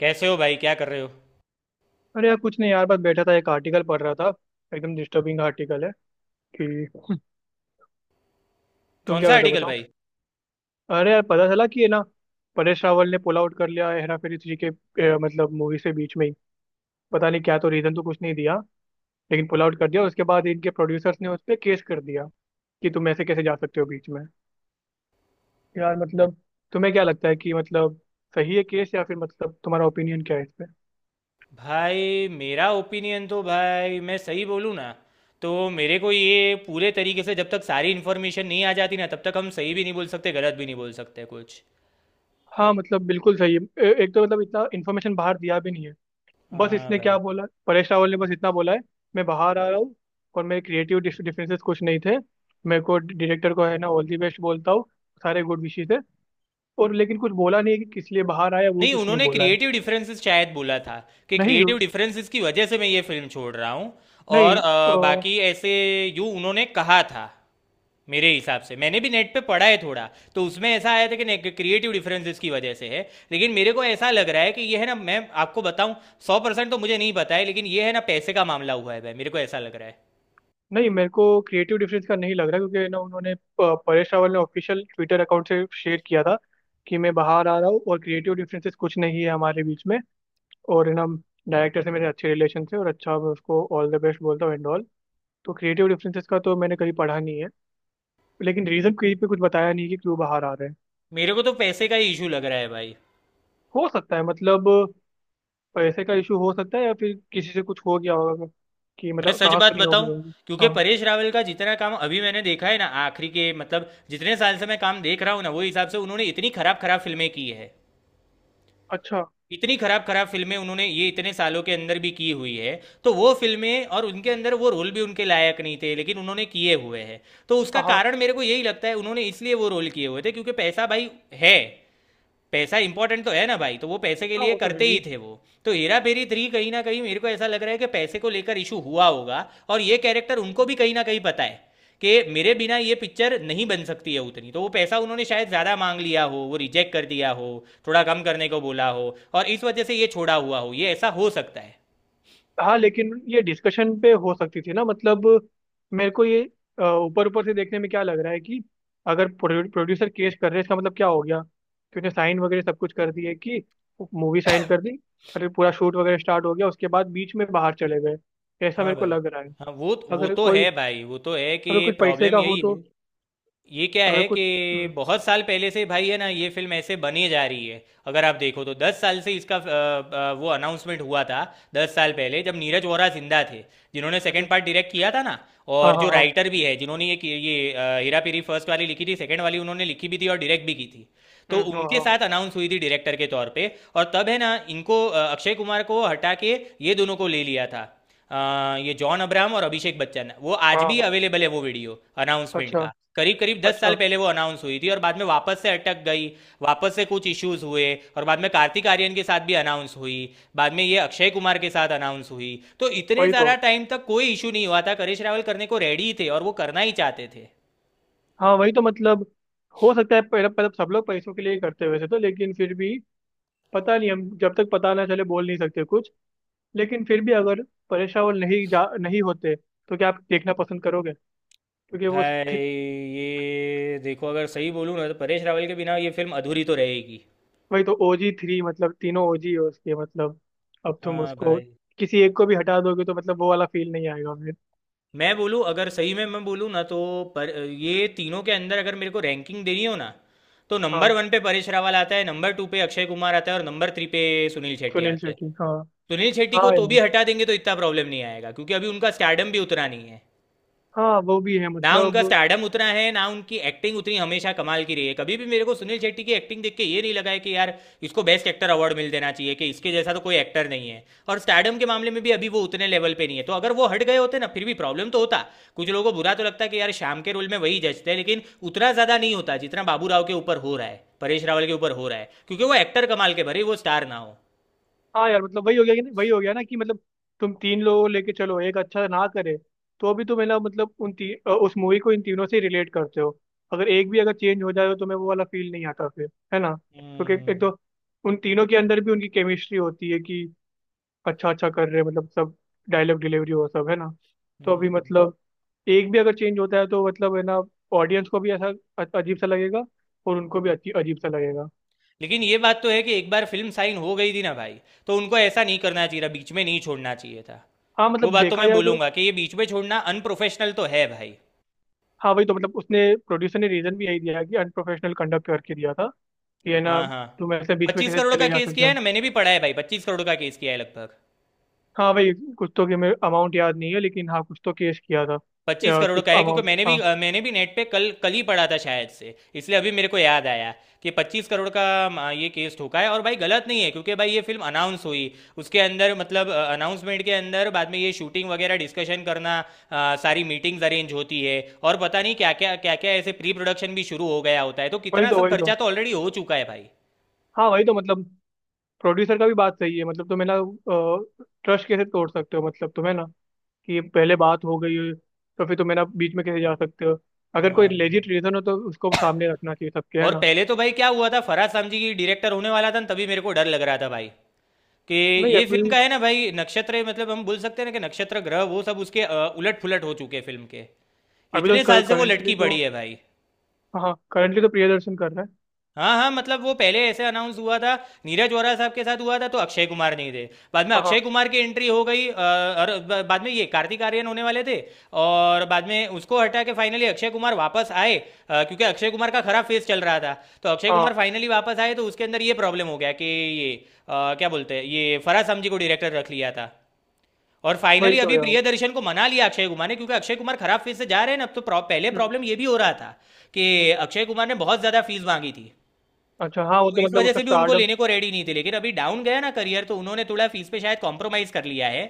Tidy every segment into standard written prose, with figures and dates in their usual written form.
कैसे हो भाई? क्या कर रहे हो? अरे यार कुछ नहीं यार, बस बैठा था, एक आर्टिकल पढ़ रहा था। एकदम डिस्टर्बिंग आर्टिकल है कि। तुम कौन क्या सा कर रहे हो आर्टिकल बताओ। भाई? अरे यार पता चला कि है ना, परेश रावल ने पुल आउट कर लिया है हेरा फेरी थ्री के, मतलब मूवी से, बीच में ही। पता नहीं क्या तो, रीजन तो कुछ नहीं दिया लेकिन पुल आउट कर दिया। उसके बाद इनके प्रोड्यूसर्स ने उस पर केस कर दिया कि तुम ऐसे कैसे जा सकते हो बीच में। यार मतलब, तुम्हें क्या लगता है कि, मतलब सही है केस, या फिर मतलब तुम्हारा ओपिनियन क्या है इस पे। भाई मेरा ओपिनियन तो, भाई मैं सही बोलूँ ना, तो मेरे को ये पूरे तरीके से, जब तक सारी इन्फॉर्मेशन नहीं आ जाती ना, तब तक हम सही भी नहीं बोल सकते, गलत भी नहीं बोल सकते कुछ। हाँ मतलब बिल्कुल सही है। एक तो मतलब इतना इन्फॉर्मेशन बाहर दिया भी नहीं है। बस हाँ इसने क्या भाई। बोला, परेश रावल ने बस इतना बोला है, मैं बाहर आ रहा हूँ और मेरे क्रिएटिव डिफरेंसेस कुछ नहीं थे। मेरे को डायरेक्टर को है ना, ऑल दी बेस्ट बोलता हूँ, सारे गुड विशेस है। और लेकिन कुछ बोला नहीं है कि किस लिए बाहर आया, वो नहीं, कुछ नहीं उन्होंने बोला है। क्रिएटिव डिफरेंसेस शायद बोला था कि नहीं क्रिएटिव उस- डिफरेंसेस की वजह से मैं ये फिल्म छोड़ रहा हूँ। और नहीं बाकी ऐसे यूँ उन्होंने कहा था। मेरे हिसाब से मैंने भी नेट पे पढ़ा है थोड़ा। तो उसमें ऐसा आया था कि क्रिएटिव डिफरेंसेस की वजह से है, लेकिन मेरे को ऐसा लग रहा है कि ये है ना, मैं आपको बताऊं, 100% तो मुझे नहीं पता है, लेकिन ये है ना, पैसे का मामला हुआ है भाई, मेरे को ऐसा लग रहा है। नहीं मेरे को क्रिएटिव डिफरेंस का नहीं लग रहा, क्योंकि ना उन्होंने परेश रावल ने ऑफिशियल ट्विटर अकाउंट से शेयर किया था कि मैं बाहर आ रहा हूँ और क्रिएटिव डिफरेंसेस कुछ नहीं है हमारे बीच में। और है ना, डायरेक्टर से मेरे अच्छे रिलेशन थे और अच्छा, मैं उसको ऑल द बेस्ट बोलता हूँ एंड ऑल। तो क्रिएटिव डिफरेंसेस का तो मैंने कहीं पढ़ा नहीं है। लेकिन रीजन कहीं पे कुछ बताया नहीं कि क्यों बाहर आ रहे हैं। मेरे को तो पैसे का ही इशू लग रहा है भाई। हो सकता है मतलब, पैसे का इशू हो सकता है, या फिर किसी से कुछ हो गया होगा कि, मैं मतलब सच कहा बात सुनी होगी बताऊं। होगी क्योंकि हाँ। परेश रावल का जितना काम अभी मैंने देखा है ना, आखिरी के मतलब जितने साल से मैं काम देख रहा हूँ ना, वो हिसाब से उन्होंने इतनी खराब खराब फिल्में की है। अच्छा। इतनी खराब खराब फिल्में उन्होंने ये इतने सालों के अंदर भी की हुई है। तो वो फिल्में और उनके अंदर वो रोल भी उनके लायक नहीं थे, लेकिन उन्होंने किए हुए हैं। तो उसका हाँ, हाँ, कारण मेरे को यही लगता है, उन्होंने इसलिए वो रोल किए हुए थे क्योंकि पैसा भाई है। पैसा इंपॉर्टेंट तो है ना भाई, तो वो पैसे के हाँ लिए वो तो है करते ही। ही थे वो। तो हेरा फेरी थ्री कहीं ना कहीं मेरे को ऐसा लग रहा है कि पैसे को लेकर इशू हुआ होगा। और ये कैरेक्टर उनको भी कहीं ना कहीं पता है कि मेरे बिना ये पिक्चर नहीं बन सकती है उतनी, तो वो पैसा उन्होंने शायद ज़्यादा मांग लिया हो, वो रिजेक्ट कर दिया हो, थोड़ा कम करने को बोला हो और इस वजह से ये छोड़ा हुआ हो, ये ऐसा हो सकता है। हाँ लेकिन ये डिस्कशन पे हो सकती थी ना मतलब। मेरे को ये ऊपर ऊपर से देखने में क्या लग रहा है कि, अगर प्रोड्यूसर केस कर रहे हैं, इसका मतलब क्या हो गया कि उसने साइन वगैरह सब कुछ कर दिए कि, मूवी साइन कर दी। अरे पूरा शूट वगैरह स्टार्ट हो गया, उसके बाद बीच में बाहर चले गए, ऐसा हाँ मेरे को भाई। लग रहा है। हाँ वो अगर तो कोई, है भाई, वो तो है कि अगर कुछ पैसे प्रॉब्लम का हो यही तो। है। ये क्या अगर है कि कुछ। हम्म, बहुत साल पहले से भाई, है ना, ये फिल्म ऐसे बनी जा रही है, अगर आप देखो तो 10 साल से इसका वो अनाउंसमेंट हुआ था। 10 साल पहले जब नीरज वोरा जिंदा थे, जिन्होंने हम्म, सेकंड पार्ट डायरेक्ट किया था ना, हाँ, और हाँ, जो हाँ। राइटर भी है जिन्होंने ये हेरा फेरी फर्स्ट वाली लिखी थी, सेकंड वाली उन्होंने लिखी भी थी और डायरेक्ट भी की थी। तो हाँ, उनके हाँ, साथ अनाउंस हुई थी डायरेक्टर के तौर पे, और तब है ना इनको अक्षय कुमार को हटा के ये दोनों को ले लिया था। ये जॉन अब्राहम और अभिषेक बच्चन, वो हाँ, आज हाँ, भी हाँ। अवेलेबल है वो वीडियो। अनाउंसमेंट अच्छा। का करीब करीब 10 साल अच्छा। पहले वो अनाउंस हुई थी और बाद में वापस से अटक गई। वापस से कुछ इश्यूज हुए। और बाद में कार्तिक आर्यन के साथ भी अनाउंस हुई। बाद में ये अक्षय कुमार के साथ अनाउंस हुई। तो इतने वही ज़्यादा तो। टाइम तक कोई इशू नहीं हुआ था, करेश रावल करने को रेडी थे और वो करना ही चाहते थे। हाँ वही तो मतलब, हो सकता है पहले, मतलब सब लोग पैसों के लिए ही करते हैं वैसे तो, लेकिन फिर भी। पता नहीं, हम जब तक पता ना चले बोल नहीं सकते कुछ। लेकिन फिर भी अगर, परेश रावल नहीं, जा नहीं होते तो क्या आप देखना पसंद करोगे, क्योंकि वो भाई ये देखो, अगर सही बोलूँ ना, तो परेश रावल के बिना ये फिल्म अधूरी तो रहेगी। वही तो, ओजी थ्री, मतलब तीनों ओजी है उसके मतलब। अब तुम हाँ उसको, भाई। किसी एक को भी हटा दोगे तो मतलब, वो वाला फील नहीं आएगा फिर। मैं बोलूँ, अगर सही में मैं बोलूँ ना तो, पर ये तीनों के अंदर अगर मेरे को रैंकिंग देनी हो ना, तो नंबर हाँ। वन पे परेश रावल आता है, नंबर 2 पे अक्षय कुमार आता है और नंबर 3 पे सुनील शेट्टी सुनील आते हैं। शेट्टी, हाँ। सुनील शेट्टी को हाँ तो यार, भी हटा देंगे तो इतना प्रॉब्लम नहीं आएगा, क्योंकि अभी उनका स्टारडम भी उतना नहीं है। हाँ वो भी है ना उनका मतलब। स्टारडम उतना है, ना उनकी एक्टिंग उतनी हमेशा कमाल की रही है। कभी भी मेरे को सुनील शेट्टी की एक्टिंग देख के ये नहीं लगा है कि यार इसको बेस्ट एक्टर अवार्ड मिल देना चाहिए, कि इसके जैसा तो कोई एक्टर नहीं है। और स्टारडम के मामले में भी अभी वो उतने लेवल पे नहीं है, तो अगर वो हट गए होते ना, फिर भी प्रॉब्लम तो होता। कुछ लोगों को बुरा तो लगता है कि यार शाम के रोल में वही जचते हैं, लेकिन उतना ज़्यादा नहीं होता जितना बाबू राव के ऊपर हो रहा है, परेश रावल के ऊपर हो रहा है, क्योंकि वो एक्टर कमाल के भरे, वो स्टार ना हो। हाँ यार मतलब, वही हो गया कि नहीं, वही हो गया ना कि मतलब। तुम तीन लोगों को लेके चलो, एक अच्छा ना करे तो भी, तुम है ना मतलब, उन उस मूवी को इन तीनों से रिलेट करते हो। अगर एक भी अगर चेंज हो जाए तो तुम्हें वो वाला फील नहीं आता फिर, है ना। हम्म क्योंकि एक हम्म, तो उन तीनों के अंदर भी उनकी केमिस्ट्री होती है कि, अच्छा अच्छा कर रहे हैं मतलब, सब डायलॉग डिलीवरी हो, सब है ना। तो हम्म, अभी हम्म। मतलब, एक भी अगर चेंज होता है तो मतलब है ना, ऑडियंस को भी ऐसा अजीब सा लगेगा, और उनको भी अच्छी अजीब सा लगेगा। लेकिन ये बात तो है कि एक बार फिल्म साइन हो गई थी ना भाई, तो उनको ऐसा नहीं करना चाहिए था, बीच में नहीं छोड़ना चाहिए था। हाँ वो मतलब, बात तो देखा मैं जाए तो। बोलूंगा कि ये बीच में छोड़ना अनप्रोफेशनल तो है भाई। हाँ वही तो मतलब, उसने, प्रोड्यूसर ने रीजन भी यही दिया है कि अनप्रोफेशनल कंडक्ट करके दिया था कि, है ना, हाँ हाँ। तुम ऐसे बीच में पच्चीस कैसे करोड़ का चले जा केस सकते किया है हो। ना, मैंने भी पढ़ा है भाई, 25 करोड़ का केस किया है लगभग। हाँ वही, कुछ तो, कि मैं अमाउंट याद नहीं है, लेकिन हाँ कुछ तो केस किया था। पच्चीस या करोड़ कुछ का है क्योंकि अमाउंट, मैंने भी हाँ। मैंने भी नेट पे कल कल ही पढ़ा था शायद से, इसलिए अभी मेरे को याद आया कि 25 करोड़ का ये केस ठोका है। और भाई गलत नहीं है क्योंकि भाई ये फिल्म अनाउंस हुई, उसके अंदर मतलब अनाउंसमेंट के अंदर बाद में ये शूटिंग वगैरह डिस्कशन करना, सारी मीटिंग्स अरेंज होती है। और पता नहीं क्या क्या क्या क्या ऐसे प्री प्रोडक्शन भी शुरू हो गया होता है, तो वही कितना तो, सब वही तो, खर्चा तो ऑलरेडी हो चुका है भाई। हाँ वही तो मतलब, प्रोड्यूसर का भी बात सही है। मतलब तुम्हें ना, ट्रस्ट कैसे तोड़ सकते हो, मतलब तुम्हें ना, कि पहले बात हो गई है, तो फिर तुम्हें ना बीच में कैसे जा सकते हो। अगर कोई हाँ। लेजिट रीजन हो तो उसको सामने रखना चाहिए सबके, है और ना। पहले तो भाई क्या हुआ था, फराज सामजी की डायरेक्टर होने वाला था न, तभी मेरे को डर लग रहा था भाई कि नहीं ये अभी, फिल्म का है ना भाई नक्षत्र, मतलब हम बोल सकते हैं ना कि नक्षत्र ग्रह वो सब उसके उलट पुलट हो चुके हैं फिल्म के। अभी इतने तो साल से वो करंटली लटकी तो। पड़ी है भाई। हाँ करंटली तो प्रियदर्शन कर रहा है। हाँ हाँ, मतलब वो पहले ऐसे अनाउंस हुआ था नीरज वोरा साहब के साथ, हुआ था तो अक्षय कुमार नहीं थे। बाद में हाँ। अक्षय कुमार की एंट्री हो गई, और बाद में ये कार्तिक आर्यन होने वाले थे। और बाद में उसको हटा के फाइनली अक्षय कुमार वापस आए, क्योंकि अक्षय कुमार का खराब फेस चल रहा था। तो अक्षय हाँ कुमार फाइनली वापस आए, तो उसके अंदर ये प्रॉब्लम हो गया कि ये क्या बोलते हैं, ये फराज समजी को डायरेक्टर रख लिया था। और वही फाइनली तो अभी यार। प्रियदर्शन को मना लिया अक्षय कुमार ने, क्योंकि अक्षय कुमार खराब फीस से जा रहे हैं ना, अब तो पहले हम्म प्रॉब्लम ये भी हो रहा था कि अक्षय कुमार ने बहुत ज्यादा फीस मांगी थी। अच्छा हाँ, वो तो तो इस मतलब वजह उसका से भी उनको स्टार्टअप। लेने को रेडी नहीं थे, लेकिन अभी डाउन गया ना करियर, तो उन्होंने थोड़ा फीस पे शायद कॉम्प्रोमाइज कर लिया है।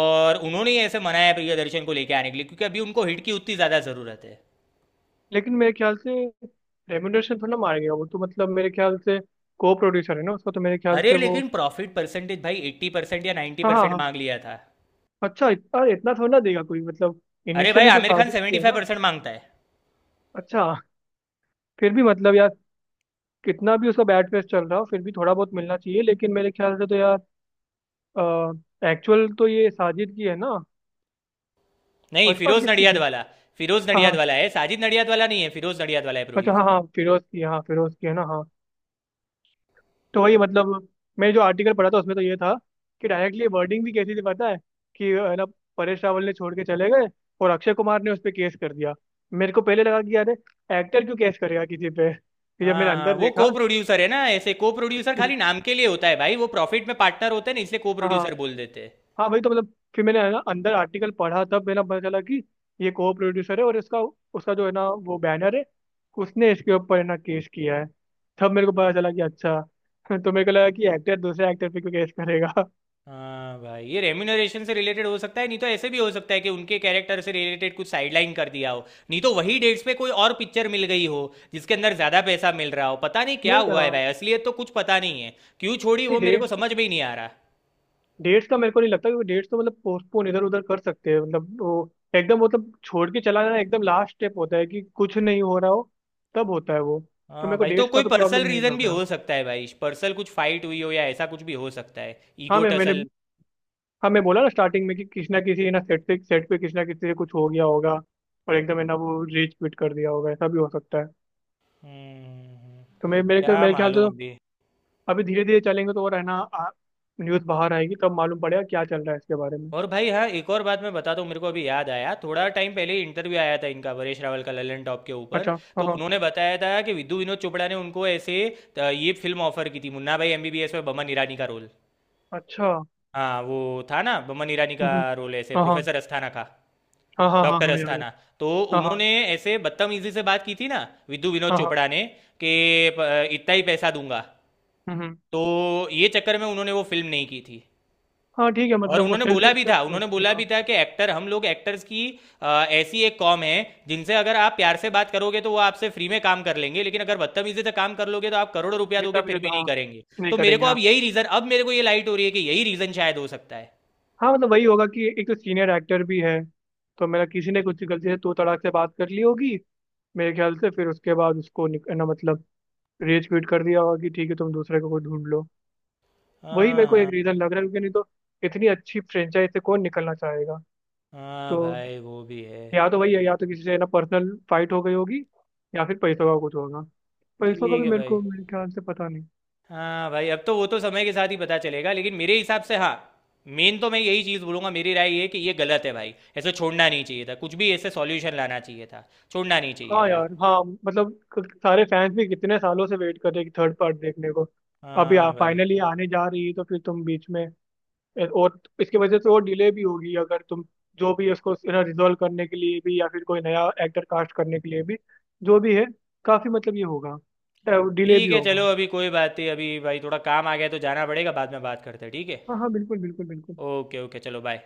और उन्होंने ही ऐसे मनाया प्रियदर्शन को लेके आने के लिए, क्योंकि अभी उनको हिट की उतनी ज्यादा जरूरत है। लेकिन मेरे ख्याल से रेम्यूनरेशन थोड़ा मारेगा वो तो, मतलब मेरे ख्याल से, को प्रोड्यूसर है ना उसका, तो मेरे ख्याल अरे से वो। लेकिन प्रॉफिट परसेंटेज भाई 80% या नाइन्टी हाँ, हाँ, परसेंट हाँ। मांग लिया था। अच्छा अरे इतना थोड़ा ना देगा कोई, मतलब अरे भाई इनिशियली तो आमिर खान साजिश सेवेंटी ही है फाइव ना। परसेंट मांगता है। अच्छा। फिर भी मतलब यार, कितना भी उसका बैड फेस चल रहा हो, फिर भी थोड़ा बहुत मिलना चाहिए। लेकिन मेरे ख्याल से तो यार, एक्चुअल तो ये साजिद की है ना। नहीं फर्स्ट पार्ट फिरोज किसकी नडियाद थी। वाला। फिरोज हाँ नडियाद हाँ। वाला है, साजिद नडियाद वाला नहीं है, फिरोज नडियाद वाला है अच्छा हाँ प्रोड्यूसर। हाँ, फिरोज की, हाँ फिरोज की है ना, हाँ। तो वही मतलब, मैं जो आर्टिकल पढ़ा था उसमें तो ये था कि, डायरेक्टली वर्डिंग भी कैसी थी पता है कि, है ना, परेश रावल ने छोड़ के चले गए और अक्षय कुमार ने उस पर केस कर दिया। मेरे को पहले लगा कि यार, एक्टर क्यों केस करेगा किसी पे, फिर जब मैंने हाँ हाँ, अंदर वो को देखा प्रोड्यूसर है ना, ऐसे को प्रोड्यूसर खाली नाम के लिए होता है भाई, वो प्रॉफिट में पार्टनर होते हैं ना, इसलिए को हाँ, हाँ। प्रोड्यूसर बोल देते हैं। हाँ भाई तो मतलब, फिर मैंने है ना अंदर आर्टिकल पढ़ा, तब मेरा पता चला कि, ये को प्रोड्यूसर है और इसका, उसका जो है ना वो बैनर है, उसने इसके ऊपर है ना केस किया है। तब मेरे को पता चला कि अच्छा तो मेरे को लगा कि एक्टर दूसरे एक्टर पे क्यों केस करेगा हाँ भाई ये रेम्यूनरेशन से रिलेटेड हो सकता है, नहीं तो ऐसे भी हो सकता है कि उनके कैरेक्टर से रिलेटेड कुछ साइडलाइन कर दिया हो। नहीं तो वही डेट्स पे कोई और पिक्चर मिल गई हो जिसके अंदर ज़्यादा पैसा मिल रहा हो, पता नहीं क्या नहीं हुआ है यार, भाई, असलियत तो कुछ पता नहीं है। क्यों छोड़ी वो मेरे को डेट, समझ में ही नहीं आ रहा। डेट्स का मेरे को नहीं लगता, क्योंकि डेट्स तो मतलब पोस्टपोन इधर उधर कर सकते हैं, मतलब वो एकदम मतलब, छोड़ के चला जाना एकदम लास्ट स्टेप होता है कि, कुछ नहीं हो रहा हो तब होता है वो। तो हाँ मेरे को भाई, तो डेट्स का कोई तो पर्सनल प्रॉब्लम नहीं रीज़न भी लग रहा। हो सकता है भाई, पर्सनल कुछ फाइट हुई हो या ऐसा कुछ भी हो सकता है, हाँ ईगो मैंने, टसल। हाँ मैं बोला ना स्टार्टिंग में कि, किसी ना सेट पे किसी ना किसी से कुछ हो गया होगा, और एकदम है ना वो रीच क्विट कर दिया होगा, ऐसा भी हो सकता है। हम्म हम्म, हम्म। तो मैं, मेरे क्या मेरे ख्याल से मालूम तो, अभी। अभी धीरे धीरे चलेंगे तो और है ना, न्यूज़ बाहर आएगी तब मालूम पड़ेगा क्या चल रहा है इसके बारे में। और भाई हाँ, एक और बात मैं बताता हूँ, मेरे को अभी याद आया, थोड़ा टाइम पहले ही इंटरव्यू आया था इनका, वरेश रावल का, ललन टॉप के ऊपर। अच्छा। हाँ तो हाँ। उन्होंने बताया था कि विद्यु विनोद चोपड़ा ने उनको ऐसे ये फिल्म ऑफर की थी, मुन्ना भाई एमबीबीएस में बमन ईरानी का रोल। अच्छा। हाँ वो था ना बमन ईरानी का हम्म, रोल, ऐसे हाँ, हाँ, प्रोफेसर अस्थाना का। हाँ, हाँ, हाँ, डॉक्टर हाँ याद है। अस्थाना। तो हाँ, हाँ, उन्होंने ऐसे बदतमीजी से बात की थी ना विद्यु विनोद हाँ, हाँ। चोपड़ा ने कि इतना ही पैसा दूंगा। हम्म। हम्म। तो ये चक्कर में उन्होंने वो फिल्म नहीं की थी। हाँ ठीक है, और मतलब वो उन्होंने सेल्फ बोला भी था, रिस्पेक्ट उन्होंने होती है, बोला हाँ। भी था कि एक्टर हम लोग एक्टर्स की ऐसी एक कॉम है, जिनसे अगर आप प्यार से बात करोगे तो वो आपसे फ्री में काम कर लेंगे, लेकिन अगर बदतमीजी से काम कर लोगे तो आप करोड़ों रुपया जितना दोगे भी फिर भी देता, नहीं हाँ, करेंगे। नहीं तो मेरे करेंगे, को अब हाँ। यही रीजन, अब मेरे को ये लाइट हो रही है कि यही रीजन शायद हो सकता है। हाँ मतलब वही होगा कि, एक तो सीनियर एक्टर भी है, तो मेरा किसी ने कुछ गलती से तू तड़ाक से बात कर ली होगी, मेरे ख्याल से, फिर उसके बाद उसको ना मतलब रेज क्विट कर दिया होगा कि, ठीक है तुम दूसरे को कोई ढूंढ लो। वही हाँ मेरे को एक हाँ। रीजन लग रहा है, क्योंकि नहीं तो इतनी अच्छी फ्रेंचाइज से कौन निकलना चाहेगा। हाँ तो भाई वो भी है। या तो वही है, या तो किसी से ना पर्सनल फाइट हो गई होगी, या फिर पैसों का कुछ होगा। पैसों का ठीक भी है मेरे भाई। को, मेरे ख्याल से पता नहीं। हाँ भाई अब तो वो तो समय के साथ ही पता चलेगा, लेकिन मेरे हिसाब से हाँ, मेन तो मैं यही चीज़ बोलूंगा, मेरी राय ये है कि ये गलत है भाई, ऐसे छोड़ना नहीं चाहिए था, कुछ भी ऐसे सॉल्यूशन लाना चाहिए था, छोड़ना नहीं चाहिए हाँ था। यार, हाँ मतलब, सारे फैंस भी कितने सालों से वेट कर रहे हैं कि थर्ड पार्ट देखने को। अभी हाँ भाई। फाइनली आने जा रही है, तो फिर तुम बीच में और इसकी वजह से और डिले भी होगी, अगर तुम, जो भी उसको रिजोल्व करने के लिए भी, या फिर कोई नया एक्टर कास्ट करने के लिए भी, जो भी है, काफी मतलब ये होगा, डिले भी ठीक है चलो, होगा। अभी कोई बात नहीं, अभी भाई थोड़ा काम आ गया है तो जाना पड़ेगा, बाद में बात करते हैं ठीक है। हाँ हाँ बिल्कुल बिल्कुल बिल्कुल। ओके ओके चलो बाय।